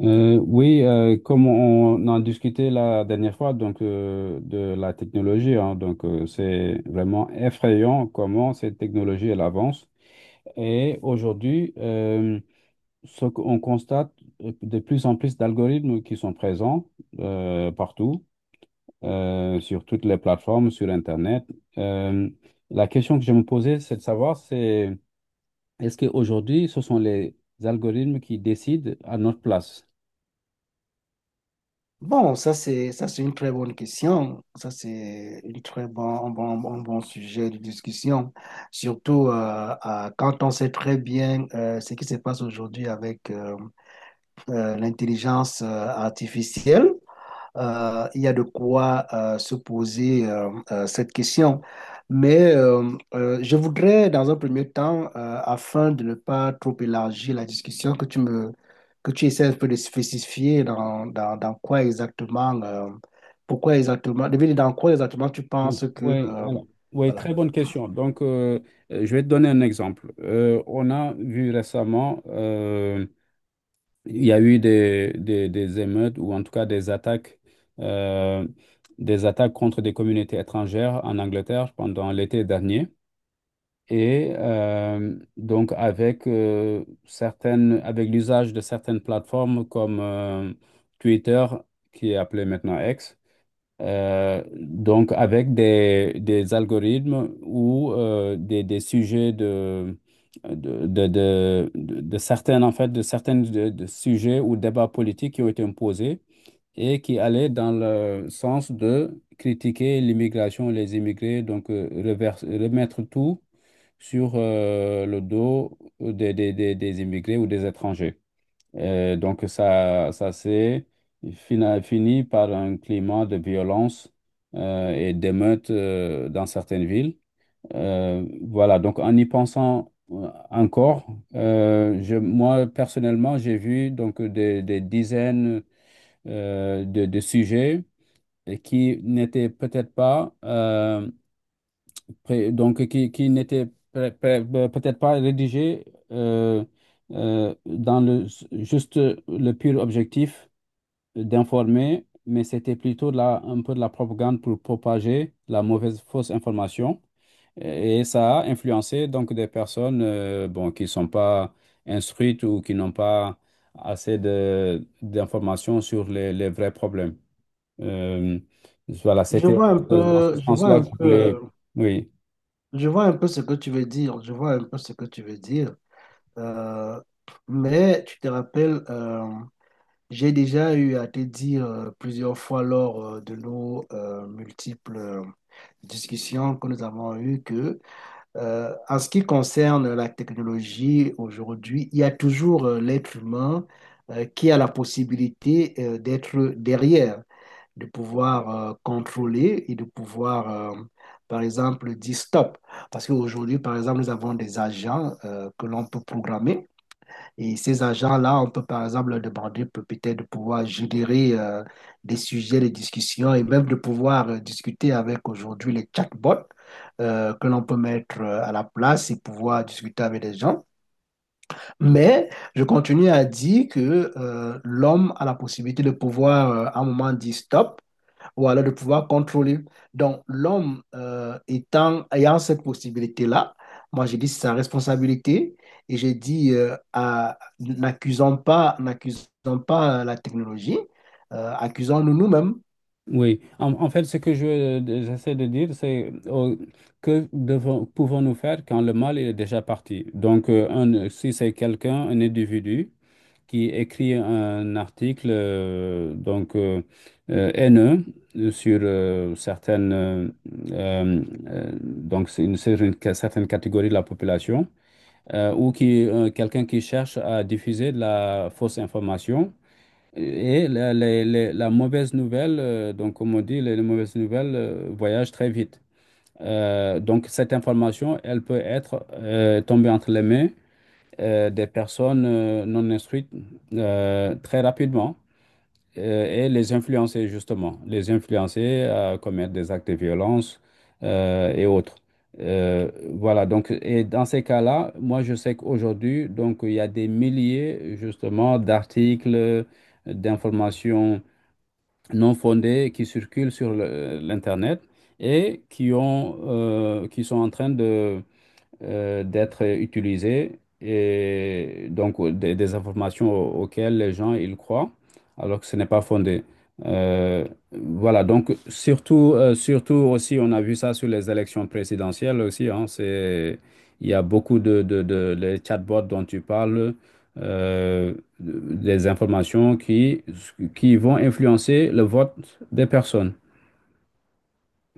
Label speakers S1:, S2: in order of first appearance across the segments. S1: Oui, comme on en discutait la dernière fois, donc de la technologie, hein, donc c'est vraiment effrayant comment cette technologie elle avance. Et aujourd'hui, ce qu'on constate, de plus en plus d'algorithmes qui sont présents partout, sur toutes les plateformes, sur Internet. Euh, la question que je me posais, c'est de savoir, c'est est-ce qu'aujourd'hui, ce sont les algorithmes qui décident à notre place?
S2: Bon, ça c'est une très bonne question. Ça c'est une très bon un bon un bon sujet de discussion. Surtout quand on sait très bien ce qui se passe aujourd'hui avec l'intelligence artificielle. Il y a de quoi se poser cette question. Mais je voudrais, dans un premier temps, afin de ne pas trop élargir la discussion, que tu essaies un peu de spécifier dans quoi exactement, pourquoi exactement, de dire dans quoi exactement tu penses que,
S1: Oui, alors, oui,
S2: voilà.
S1: très bonne question. Donc, je vais te donner un exemple. On a vu récemment, il y a eu des émeutes ou en tout cas euh, des attaques contre des communautés étrangères en Angleterre pendant l'été dernier. Et donc, avec certaines, avec l'usage de certaines plateformes comme Twitter, qui est appelé maintenant X. Donc, avec des algorithmes ou des sujets de certaines, en fait, de certains de sujets ou débats politiques qui ont été imposés et qui allaient dans le sens de critiquer l'immigration, les immigrés, donc remettre tout sur le dos des immigrés ou des étrangers. Et donc, ça, fini par un climat de violence et d'émeutes dans certaines villes. Voilà, donc en y pensant encore, moi personnellement, j'ai vu donc des dizaines de sujets et qui n'étaient peut-être pas donc qui, qui n'étaient peut-être pas rédigés euh, dans le juste le pur objectif d'informer, mais c'était plutôt de la, un peu de la propagande pour propager la mauvaise, fausse information. Et ça a influencé donc des personnes bon, qui ne sont pas instruites ou qui n'ont pas assez d'informations sur les vrais problèmes. Euh, voilà,
S2: Je
S1: c'était
S2: vois un
S1: dans
S2: peu,
S1: ce
S2: je vois
S1: sens-là
S2: un
S1: que je
S2: peu,
S1: voulais.
S2: euh,
S1: Oui.
S2: je vois un peu ce que tu veux dire. Je vois un peu ce que tu veux dire. Euh, mais tu te rappelles, j'ai déjà eu à te dire plusieurs fois lors de nos multiples discussions que nous avons eues que, en ce qui concerne la technologie aujourd'hui, il y a toujours l'être humain qui a la possibilité d'être derrière de pouvoir contrôler et de pouvoir, par exemple, dire stop. Parce qu'aujourd'hui, par exemple, nous avons des agents que l'on peut programmer. Et ces agents-là, on peut, par exemple, leur demander peut-être de pouvoir générer des sujets de discussion et même de pouvoir discuter avec aujourd'hui les chatbots que l'on peut mettre à la place et pouvoir discuter avec les gens. Mais je continue à dire que l'homme a la possibilité de pouvoir, à un moment, dire stop ou alors de pouvoir contrôler. Donc, l'homme étant, ayant cette possibilité-là, moi, j'ai dit c'est sa responsabilité et j'ai dit n'accusons pas la technologie, accusons-nous nous-mêmes.
S1: Oui, en fait, ce que j'essaie de dire, c'est que pouvons-nous faire quand le mal est déjà parti? Donc, si c'est quelqu'un, un individu qui écrit un article haineux sur certaines euh, donc c'est une, sur une certaine catégorie de la population ou qui quelqu'un qui cherche à diffuser de la fausse information. Et la mauvaise nouvelle, donc comme on dit, les mauvaises nouvelles voyagent très vite. Donc cette information, elle peut être tombée entre les mains des personnes non instruites très rapidement et les influencer justement, les influencer à commettre des actes de violence et autres. Voilà, donc, et dans ces cas-là, moi je sais qu'aujourd'hui, donc, il y a des milliers justement d'articles, d'informations non fondées qui circulent sur l'Internet et qui sont en train de, d'être utilisées et donc des informations auxquelles les gens ils croient alors que ce n'est pas fondé. Euh, voilà, donc surtout, surtout aussi, on a vu ça sur les élections présidentielles aussi, hein, c'est, il y a beaucoup de les chatbots dont tu parles, euh, des informations qui vont influencer le vote des personnes.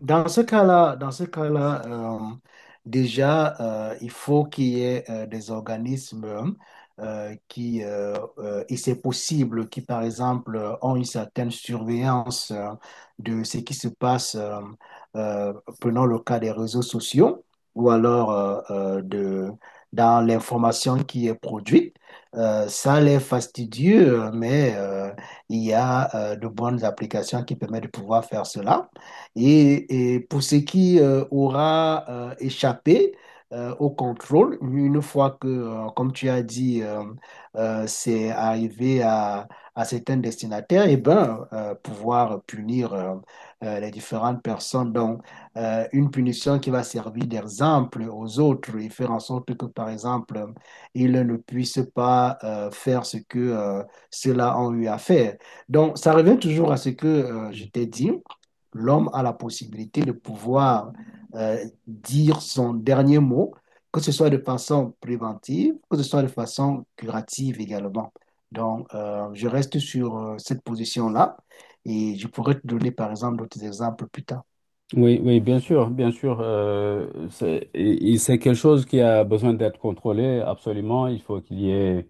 S2: Dans ce cas-là, déjà, il faut qu'il y ait des organismes et c'est possible, qui, par exemple, ont une certaine surveillance de ce qui se passe, euh, prenons le cas des réseaux sociaux, ou alors euh, de, dans l'information qui est produite. Ça l'est fastidieux, mais il y a de bonnes applications qui permettent de pouvoir faire cela. Et pour ce qui aura échappé au contrôle, une fois que, comme tu as dit, c'est arrivé à certains destinataires, et ben, pouvoir punir les différentes personnes. Donc, une punition qui va servir d'exemple aux autres et faire en sorte que, par exemple, ils ne puissent pas faire ce que ceux-là ont eu à faire. Donc, ça revient toujours à ce que je t'ai dit l'homme a la possibilité de pouvoir dire son dernier mot, que ce soit de façon préventive, que ce soit de façon curative également. Donc, je reste sur cette position-là et je pourrais te donner, par exemple, d'autres exemples plus tard.
S1: Oui, oui, bien sûr, bien sûr. Et c'est quelque chose qui a besoin d'être contrôlé, absolument. Il faut qu'il y ait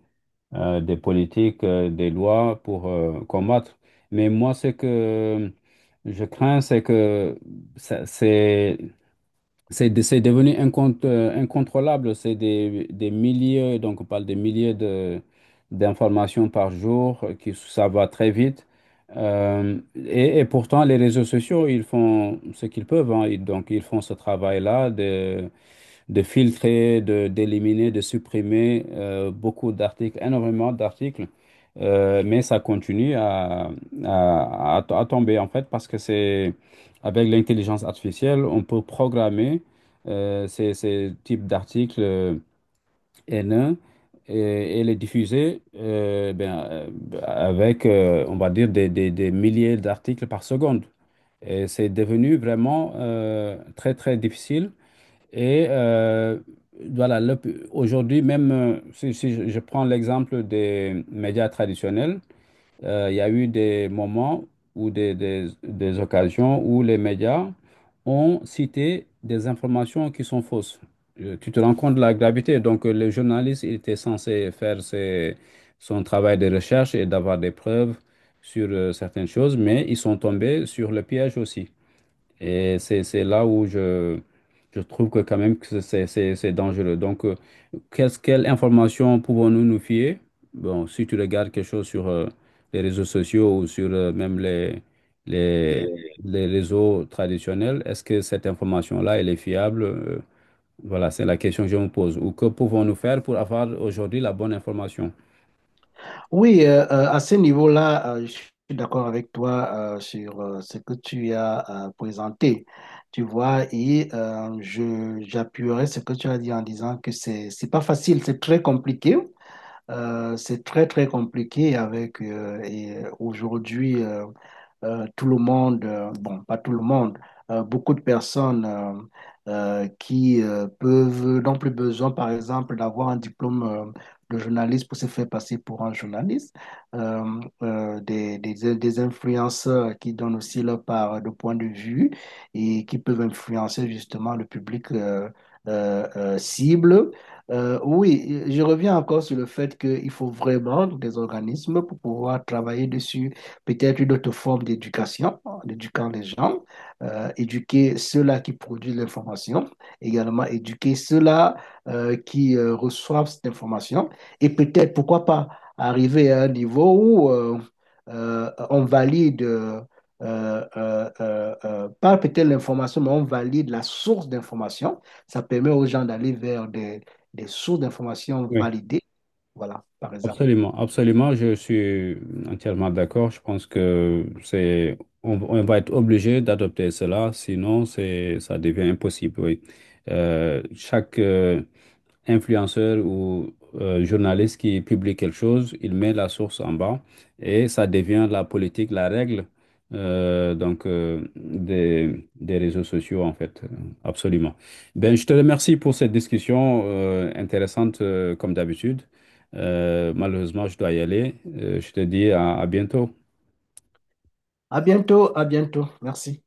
S1: des politiques, des lois pour combattre. Mais moi, ce que je crains, c'est que ça- c'est c'est devenu incontrôlable. Des milliers, donc on parle des milliers d'informations par jour, qui, ça va très vite. Euh, et pourtant, les réseaux sociaux, ils font ce qu'ils peuvent, hein. Donc, ils font ce travail-là de filtrer, d'éliminer, de supprimer beaucoup d'articles, énormément d'articles. Mais ça continue à tomber en fait parce que c'est avec l'intelligence artificielle, on peut programmer ces types d'articles haineux et les diffuser on va dire, des milliers d'articles par seconde. Et c'est devenu vraiment très, très difficile et voilà, aujourd'hui même, si je prends l'exemple des médias traditionnels, il y a eu des moments ou des occasions où les médias ont cité des informations qui sont fausses. Tu te rends compte de la gravité. Donc, le journaliste il était censé faire son travail de recherche et d'avoir des preuves sur certaines choses, mais ils sont tombés sur le piège aussi. Et c'est là où je trouve que quand même que c'est dangereux. Donc, quelle information pouvons-nous nous fier? Bon, si tu regardes quelque chose sur les réseaux sociaux ou sur même les, les réseaux traditionnels, est-ce que cette information-là, elle est fiable? Voilà, c'est la question que je me pose. Ou que pouvons-nous faire pour avoir aujourd'hui la bonne information?
S2: Oui, à ce niveau-là, je suis d'accord avec toi sur ce que tu as présenté. Tu vois, et je j'appuierai ce que tu as dit en disant que c'est pas facile, c'est très compliqué. C'est très très compliqué avec aujourd'hui. Tout le monde, bon, pas tout le monde, beaucoup de personnes qui peuvent, n'ont plus besoin, par exemple, d'avoir un diplôme de journaliste pour se faire passer pour un journaliste. Des influenceurs qui donnent aussi leur part de point de vue et qui peuvent influencer justement le public cible. Oui, je reviens encore sur le fait qu'il faut vraiment des organismes pour pouvoir travailler dessus peut-être une autre forme d'éducation, en les gens, éduquer ceux-là qui produisent l'information, également éduquer ceux-là qui reçoivent cette information, et peut-être, pourquoi pas, arriver à un niveau où on valide, euh, pas peut-être l'information, mais on valide la source d'information. Ça permet aux gens d'aller vers des sources d'information
S1: Oui.
S2: validées. Voilà, par exemple.
S1: Absolument, absolument, je suis entièrement d'accord. Je pense que c'est, on va être obligé d'adopter cela, sinon c'est, ça devient impossible. Oui. Euh, chaque, euh, Influenceur ou journaliste qui publie quelque chose, il met la source en bas et ça devient la politique, la règle donc des réseaux sociaux en fait, absolument. Ben, je te remercie pour cette discussion intéressante comme d'habitude. Malheureusement, je dois y aller. Je te dis à bientôt.
S2: À bientôt, à bientôt. Merci.